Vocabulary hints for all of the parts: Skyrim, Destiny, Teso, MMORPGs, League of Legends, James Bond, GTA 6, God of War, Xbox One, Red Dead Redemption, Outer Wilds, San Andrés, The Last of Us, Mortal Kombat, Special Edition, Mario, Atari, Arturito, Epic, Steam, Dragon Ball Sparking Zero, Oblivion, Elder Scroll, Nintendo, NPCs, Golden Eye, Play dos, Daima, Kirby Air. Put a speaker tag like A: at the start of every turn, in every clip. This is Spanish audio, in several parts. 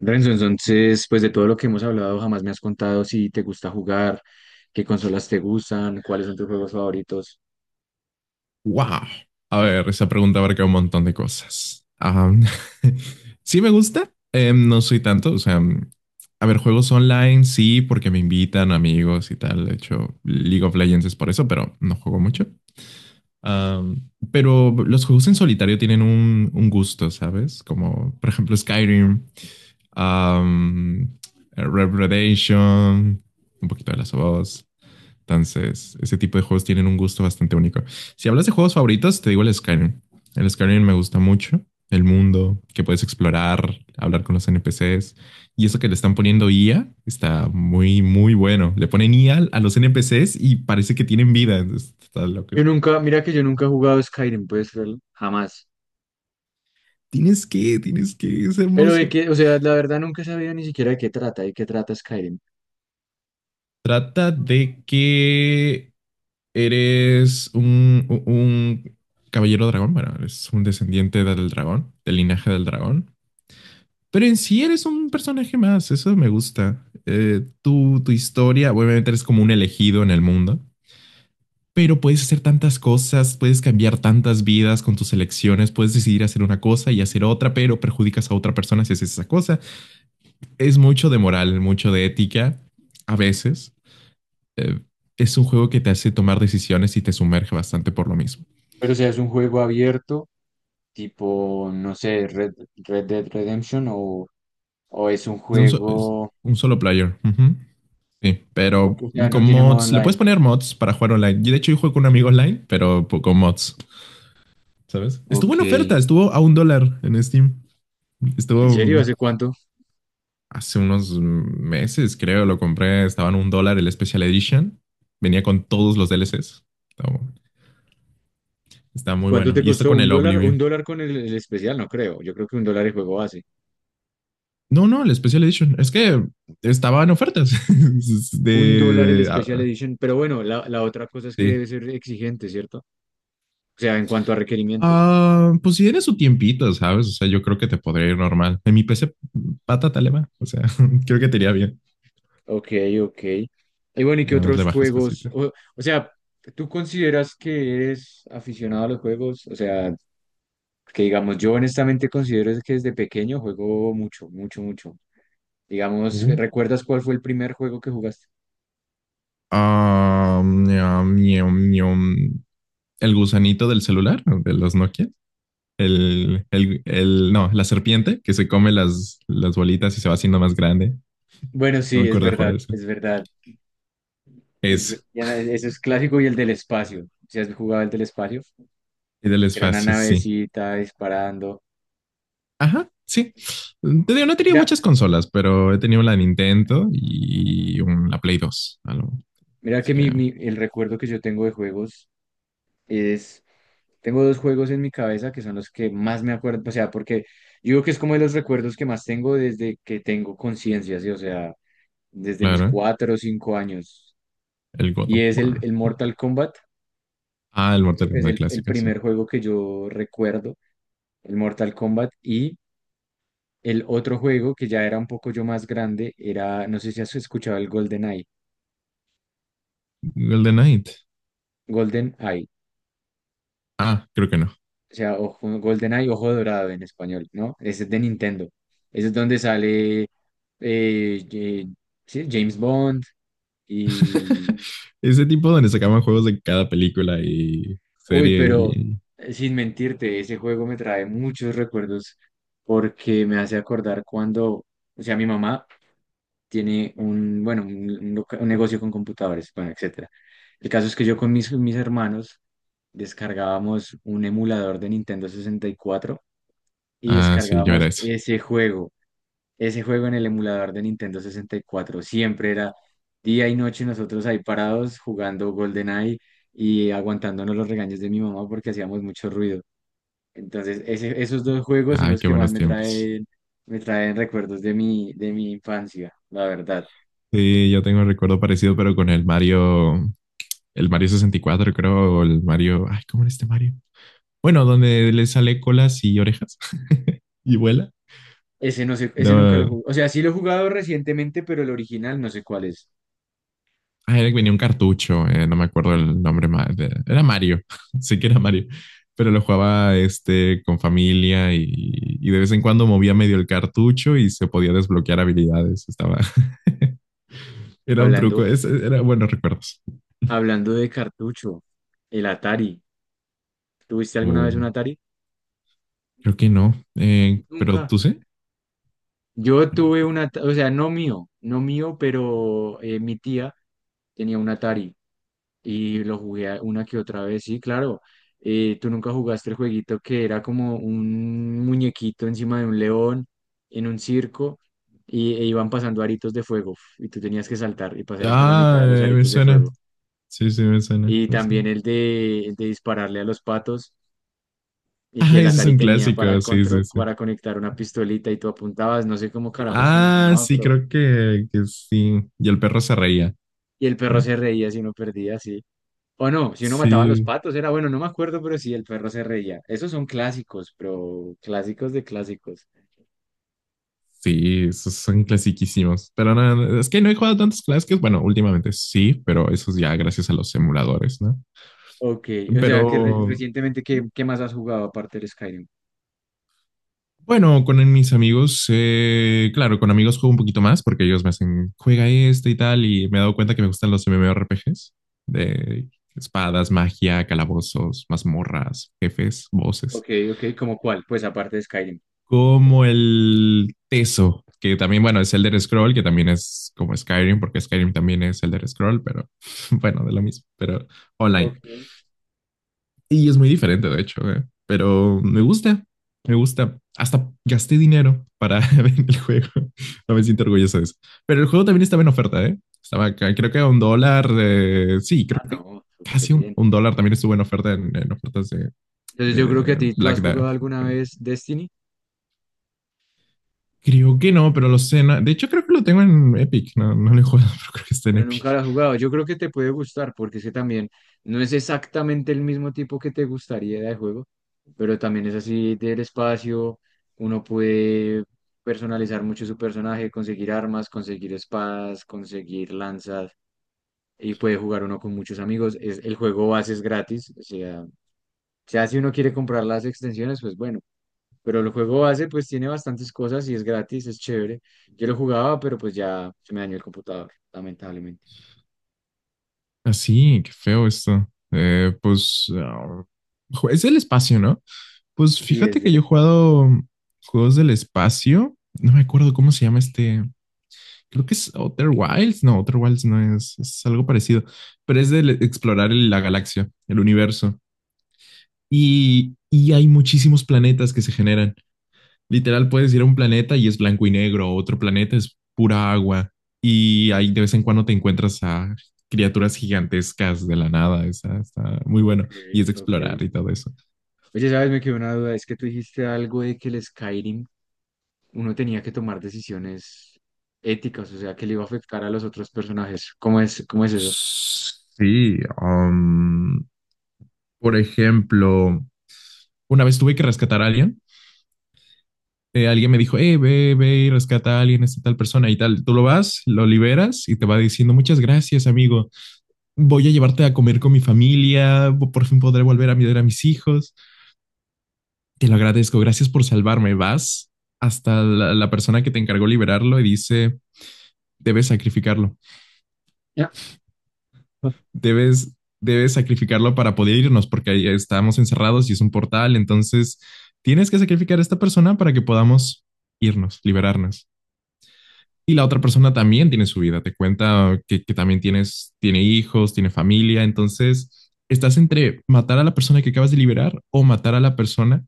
A: Renzo, entonces, pues de todo lo que hemos hablado, jamás me has contado si te gusta jugar, qué consolas te gustan, cuáles son tus juegos favoritos.
B: Wow. A ver, esa pregunta abarca un montón de cosas. Sí me gusta, no soy tanto, o sea, a ver, juegos online sí, porque me invitan amigos y tal. De hecho, League of Legends es por eso, pero no juego mucho. Pero los juegos en solitario tienen un gusto, ¿sabes? Como, por ejemplo, Skyrim, am, Red Dead Redemption, un poquito de las of Us. Entonces, ese tipo de juegos tienen un gusto bastante único. Si hablas de juegos favoritos, te digo el Skyrim. El Skyrim me gusta mucho. El mundo que puedes explorar, hablar con los NPCs. Y eso que le están poniendo IA está muy, muy bueno. Le ponen IA a los NPCs y parece que tienen vida. Entonces, está loco.
A: Yo nunca, mira que yo nunca he jugado Skyrim, jamás.
B: Tienes que, es
A: Pero de
B: hermoso.
A: que, o sea, la verdad nunca he sabido ni siquiera de qué trata Skyrim.
B: Trata de que eres un caballero dragón, bueno, eres un descendiente del dragón, del linaje del dragón. Pero en sí eres un personaje más, eso me gusta. Tú, tu historia, obviamente eres como un elegido en el mundo, pero puedes hacer tantas cosas, puedes cambiar tantas vidas con tus elecciones, puedes decidir hacer una cosa y hacer otra, pero perjudicas a otra persona si haces esa cosa. Es mucho de moral, mucho de ética, a veces. Eh, es un juego que te hace tomar decisiones y te sumerge bastante por lo mismo.
A: Pero o sea, es un juego abierto, tipo, no sé, Red Dead Redemption o es un
B: Es
A: juego,
B: un solo player. Ujú. Sí, pero
A: o sea, no
B: con
A: tiene modo
B: mods, le puedes
A: online.
B: poner mods para jugar online. Y de hecho, yo juego con un amigo online, pero con mods, ¿sabes? Estuvo
A: Ok.
B: en oferta, estuvo a un dólar en Steam.
A: ¿En
B: Estuvo
A: serio? ¿Hace cuánto?
B: hace unos meses, creo, lo compré, estaba en un dólar el Special Edition. Venía con todos los DLCs. Estaba- está muy
A: ¿Cuánto
B: bueno.
A: te
B: Y esto
A: costó?
B: con
A: ¿Un
B: el
A: dólar? Un
B: Oblivion.
A: dólar con el especial, no creo. Yo creo que $1 el juego base.
B: No, no, el Special Edition. Es que estaba en ofertas
A: Un dólar el
B: de,
A: Special
B: ah,
A: Edition. Pero bueno, la otra cosa es que
B: sí,
A: debe ser exigente, ¿cierto? O sea, en cuanto a requerimientos.
B: Ah, pues si tienes su tiempito, ¿sabes? O sea, yo creo que te podría ir normal. En mi PC, pata te le va. O sea, creo que te iría bien.
A: Ok, ok. Y bueno, ¿y qué
B: Nada más le
A: otros
B: bajas
A: juegos?
B: cositas.
A: O sea, ¿tú consideras que eres aficionado a los juegos? O sea, que digamos, yo honestamente considero que desde pequeño juego mucho, mucho, mucho. Digamos,
B: Uh.
A: ¿recuerdas cuál fue el primer juego que jugaste?
B: Ah, ñam, ñam, ñam. El gusanito del celular, de los Nokia. No, la serpiente que se come las bolitas y se va haciendo más grande.
A: Bueno,
B: No me
A: sí, es
B: acuerdo de juego
A: verdad,
B: de eso.
A: es verdad.
B: Es,
A: Eso es clásico y el del espacio. Si has jugado el del espacio,
B: y del
A: el que era una
B: espacio, sí.
A: navecita disparando.
B: Ajá, sí. Te digo, no he tenido
A: Mira,
B: muchas consolas, pero he tenido la Nintendo y la Play dos. Algo.
A: mira
B: Así
A: que
B: que,
A: el recuerdo que yo tengo de juegos es, tengo dos juegos en mi cabeza que son los que más me acuerdo, o sea, porque yo creo que es como de los recuerdos que más tengo desde que tengo conciencia, ¿sí? O sea, desde mis
B: claro,
A: 4 o 5 años.
B: el God
A: Y
B: of
A: es el,
B: War.
A: el Mortal Kombat,
B: Ah, el
A: yo
B: Mortal
A: creo que es
B: Kombat
A: el
B: clásico, sí.
A: primer juego que yo recuerdo, el Mortal Kombat. El otro juego que ya era un poco yo más grande era, no sé si has escuchado el Golden Eye,
B: Golden Knight.
A: Golden Eye,
B: Ah, creo que no.
A: o sea, ojo, Golden Eye, ojo dorado en español, ¿no? Ese es de Nintendo. Ese es donde sale eh, sí, James Bond y...
B: Ese tipo donde sacaban juegos de cada película y
A: Uy,
B: serie
A: pero
B: y...
A: sin mentirte, ese juego me trae muchos recuerdos porque me hace acordar cuando, o sea, mi mamá tiene un, bueno, un negocio con computadores, bueno, etcétera. El caso es que yo con mis hermanos descargábamos un emulador de Nintendo 64 y
B: Ah, sí, yo era
A: descargábamos
B: eso.
A: ese juego en el emulador de Nintendo 64. Siempre era día y noche nosotros ahí parados jugando GoldenEye y aguantándonos los regaños de mi mamá porque hacíamos mucho ruido. Entonces, esos dos juegos son
B: Ay,
A: los
B: qué
A: que más
B: buenos
A: me
B: tiempos.
A: traen, me traen recuerdos de mi infancia, la verdad.
B: Sí, yo tengo un recuerdo parecido, pero con el Mario 64, creo, o el Mario, ay, ¿cómo era este Mario? Bueno, donde le sale colas y orejas y vuela.
A: Ese no sé, ese nunca lo
B: No,
A: jugué. O sea, sí lo he jugado recientemente, pero el original no sé cuál es.
B: era que venía un cartucho, no me acuerdo el nombre, era Mario, sí que era Mario, pero lo jugaba este con familia y de vez en cuando movía medio el cartucho y se podía desbloquear habilidades, estaba, era un truco,
A: Hablando,
B: era buenos recuerdos.
A: hablando de cartucho, el Atari. ¿Tuviste alguna vez
B: Uh,
A: un Atari?
B: Creo que no. Pero
A: Nunca.
B: tú sí. Creo
A: Yo
B: que no.
A: tuve un Atari, o sea, no mío, no mío, pero mi tía tenía un Atari y una que otra vez. Sí, claro. ¿Tú nunca jugaste el jueguito que era como un muñequito encima de un león en un circo? Y, e iban pasando aritos de fuego y tú tenías que saltar y pasar entre la mitad
B: Ah,
A: de los
B: me
A: aritos de
B: suena.
A: fuego.
B: Sí, sí, me suena,
A: Y
B: me suena.
A: también el de dispararle a los patos y que
B: Ah,
A: el
B: ese es
A: Atari
B: un
A: tenía para,
B: clásico. Sí,
A: contro-
B: sí, sí.
A: para conectar una pistolita y tú apuntabas, no sé cómo carajos
B: Ah,
A: funcionaba,
B: sí,
A: pero...
B: creo que sí. Y el perro se reía.
A: Y el perro se reía si uno perdía, sí. O no, si uno mataba a los
B: Sí,
A: patos, era bueno, no me acuerdo, pero sí, el perro se reía. Esos son clásicos, pero clásicos de clásicos.
B: sí, esos son clasiquísimos. Pero no, no, es que no he jugado tantos clásicos. Bueno, últimamente sí, pero eso es ya gracias a los emuladores, ¿no?
A: Ok, o
B: Pero
A: sea, que recientemente, ¿qué más has jugado aparte del Skyrim?
B: bueno, con mis amigos, claro, con amigos juego un poquito más porque ellos me hacen, juega este y tal, y me he dado cuenta que me gustan los MMORPGs de espadas, magia, calabozos, mazmorras, jefes,
A: Ok,
B: voces,
A: ok, ¿cómo cuál? Pues aparte de Skyrim.
B: como el Teso, que también, bueno, es Elder Scroll, que también es como Skyrim, porque Skyrim también es Elder Scroll, pero bueno, de lo mismo, pero
A: Ok.
B: online. Y es muy diferente, de hecho, pero me gusta, me gusta. Hasta gasté dinero para ver el juego. No me siento orgulloso de eso. Pero el juego también estaba en oferta, ¿eh? Estaba, acá, creo que a un dólar. Sí, creo
A: Ah,
B: que
A: no, súper
B: casi un,
A: bien.
B: un dólar también estuvo en oferta en ofertas
A: Entonces yo creo que a
B: de
A: ti, ¿tú has
B: Black
A: jugado alguna
B: Friday.
A: vez Destiny?
B: Creo que no, pero lo sé. De hecho, creo que lo tengo en Epic. No, no lo he jugado, pero creo que está en
A: Pero nunca
B: Epic.
A: lo he jugado. Yo creo que te puede gustar porque es que también no es exactamente el mismo tipo que te gustaría de juego, pero también es así del espacio. Uno puede personalizar mucho su personaje, conseguir armas, conseguir espadas, conseguir lanzas y puede jugar uno con muchos amigos. Es, el juego base es gratis. O sea, si uno quiere comprar las extensiones, pues bueno. Pero el juego base pues tiene bastantes cosas y es gratis, es chévere. Yo lo jugaba, pero pues ya se me dañó el computador, lamentablemente.
B: Así, qué feo esto. Eh, pues ah, es el espacio, ¿no? Pues
A: Sí,
B: fíjate
A: es
B: que
A: del
B: yo he
A: espacio.
B: jugado juegos del espacio. No me acuerdo cómo se llama este. Creo que es Outer Wilds. No, Outer Wilds no es, es algo parecido, pero es de explorar la galaxia, el universo. Y hay muchísimos planetas que se generan. Literal, puedes ir a un planeta y es blanco y negro, otro planeta es pura agua. Y ahí de vez en cuando te encuentras a criaturas gigantescas de la nada. Está, está muy
A: Ok,
B: bueno. Y es de
A: ok.
B: explorar y todo eso.
A: Oye, ¿sabes? Me quedó una duda. Es que tú dijiste algo de que el Skyrim uno tenía que tomar decisiones éticas, o sea, que le iba a afectar a los otros personajes. ¿Cómo es eso?
B: Sí, por ejemplo, una vez tuve que rescatar a alguien. Alguien me dijo, hey, ve, ve y rescata a alguien, esta tal persona y tal. Tú lo vas, lo liberas y te va diciendo, muchas gracias, amigo. Voy a llevarte a comer con mi familia. Por fin podré volver a mirar a mis hijos. Te lo agradezco. Gracias por salvarme. Vas hasta la, la persona que te encargó liberarlo y dice, debes sacrificarlo.
A: Ya.
B: Debes, debes sacrificarlo para poder irnos, porque ahí estamos encerrados y es un portal, entonces tienes que sacrificar a esta persona para que podamos irnos, liberarnos. Y la otra persona también tiene su vida, te cuenta que también tienes, tiene hijos, tiene familia, entonces estás entre matar a la persona que acabas de liberar o matar a la persona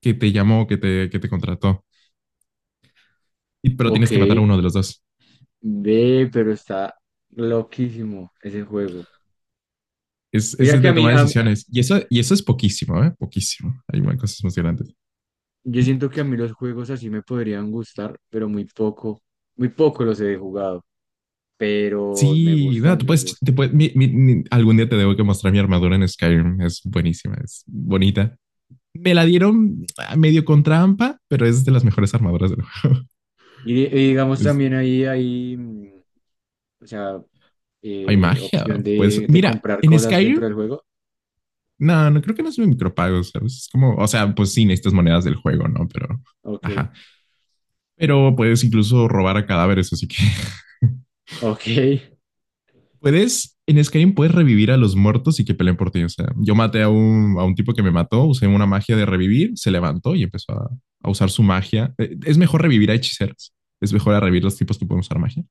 B: que te llamó, que te contrató, Y- pero
A: Ok,
B: tienes que matar a uno de los dos.
A: ve, pero está loquísimo ese juego.
B: Es
A: Mira que
B: de tomar decisiones. Y eso es poquísimo, ¿eh? Poquísimo. Hay más cosas más grandes.
A: yo siento que a mí los juegos así me podrían gustar, pero muy poco los he jugado, pero me
B: Sí, bueno,
A: gustan,
B: tú
A: me
B: puedes, te
A: gustan.
B: puedes- algún día te debo que mostrar mi armadura en Skyrim. Es buenísima, es bonita. Me la dieron medio con trampa, pero es de las mejores armaduras del juego.
A: Y digamos
B: Es-
A: también o sea,
B: hay magia.
A: opción
B: Pues
A: de
B: mira,
A: comprar
B: en
A: cosas dentro
B: Skyrim,
A: del juego.
B: no, no creo que no sea un micropago, ¿sabes? Es como, o sea, pues sí, necesitas monedas del juego, ¿no? Pero,
A: Ok,
B: ajá. Pero puedes incluso robar a cadáveres, así que
A: ok.
B: puedes, en Skyrim puedes revivir a los muertos y que peleen por ti. O sea, yo maté a un tipo que me mató, usé una magia de revivir, se levantó y empezó a usar su magia. Es mejor revivir a hechiceros. Es mejor a revivir los tipos que pueden usar magia.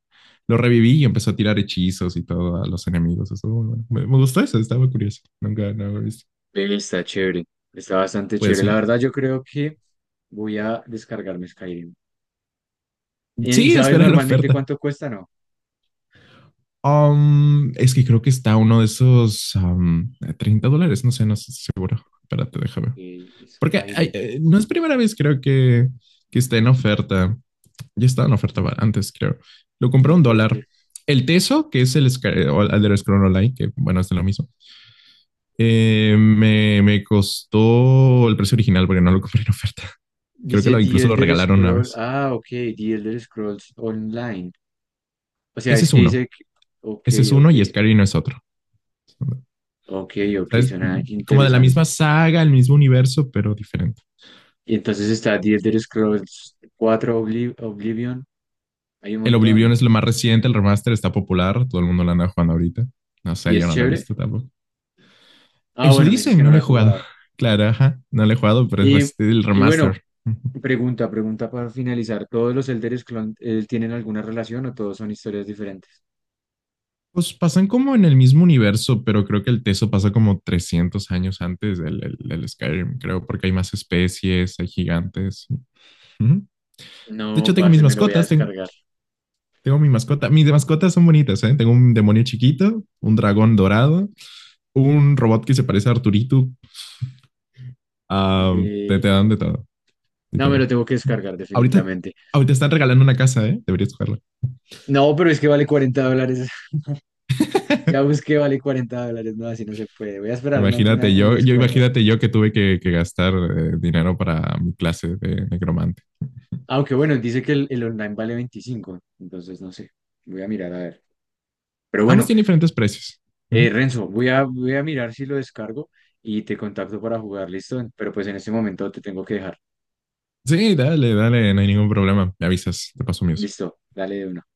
B: Lo reviví y empezó a tirar hechizos y todo a los enemigos. Eso, bueno, me gustó eso, estaba curioso. Nunca, no lo he visto.
A: Ve, está chévere. Está bastante
B: Pues
A: chévere. La verdad, yo creo que voy a descargarme Skyrim. ¿Y
B: sí,
A: sabes
B: espera la
A: normalmente
B: oferta.
A: cuánto cuesta? No.
B: Es que creo que está uno de esos $30. No sé, no sé. Espérate, déjame.
A: Ok,
B: Porque
A: Skyrim.
B: no es primera vez, creo que está en oferta. Ya estaba en oferta antes, creo. Lo compré a
A: The
B: un dólar.
A: Elder-
B: El Teso, que es el Sky- o el Elder Scrolls Online, que bueno, es lo mismo, me, me costó el precio original porque no lo compré en oferta. Creo que
A: Dice
B: lo,
A: The
B: incluso lo
A: Elder
B: regalaron una
A: Scroll.
B: vez.
A: Ah, ok. The Elder Scrolls Online. O sea,
B: Ese
A: es
B: es
A: que
B: uno.
A: dice que... Ok,
B: Ese es uno
A: ok.
B: y Skyrim es otro. O
A: Ok, ok.
B: sea, es
A: Suena
B: como de la
A: interesante.
B: misma saga, el mismo universo, pero diferente.
A: Y entonces está The Elder Scrolls IV Oblivion. Hay un
B: El Oblivion
A: montón.
B: es lo más reciente, el remaster está popular, todo el mundo lo anda jugando ahorita. No
A: ¿Y
B: sé, yo
A: es
B: no lo he
A: chévere?
B: visto tampoco.
A: Ah,
B: Eso
A: bueno, me dices
B: dicen,
A: que
B: no
A: no lo
B: lo he
A: has
B: jugado.
A: jugado.
B: Claro, ajá, no lo he jugado, pero es
A: Y,
B: el
A: y bueno,
B: remaster. Ujú.
A: pregunta para finalizar. ¿Todos los Elder Scrolls tienen alguna relación o todos son historias diferentes?
B: Pues pasan como en el mismo universo, pero creo que el Teso pasa como 300 años antes del, del Skyrim, creo, porque hay más especies, hay gigantes. Ujú. De hecho,
A: No,
B: tengo mis
A: parce, me lo voy a
B: mascotas,
A: descargar.
B: tengo mi mascota. Mis mascotas son bonitas, ¿eh? Tengo un demonio chiquito, un dragón dorado, un robot que se parece a Arturito. Ah, te,
A: Eh,
B: te dan de todo,
A: no, me lo
B: literal.
A: tengo que descargar
B: Ahorita,
A: definitivamente.
B: ahorita están regalando una casa, ¿eh? Deberías jugarla.
A: No, pero es que vale $40. Ya busqué, vale $40. No, así no se puede. Voy a esperar
B: Imagínate
A: un
B: yo, yo
A: descuento.
B: imagínate yo que tuve que gastar dinero para mi clase de necromante.
A: Aunque bueno, dice que el online vale 25. Entonces, no sé. Voy a mirar a ver. Pero
B: Ambos
A: bueno,
B: tienen diferentes precios. Ujú.
A: Renzo, voy a mirar si lo descargo y te contacto para jugar, ¿listo? Pero pues en este momento te tengo que dejar.
B: Sí, dale, dale, no hay ningún problema. Me avisas, te paso mío.
A: Listo, dale de una.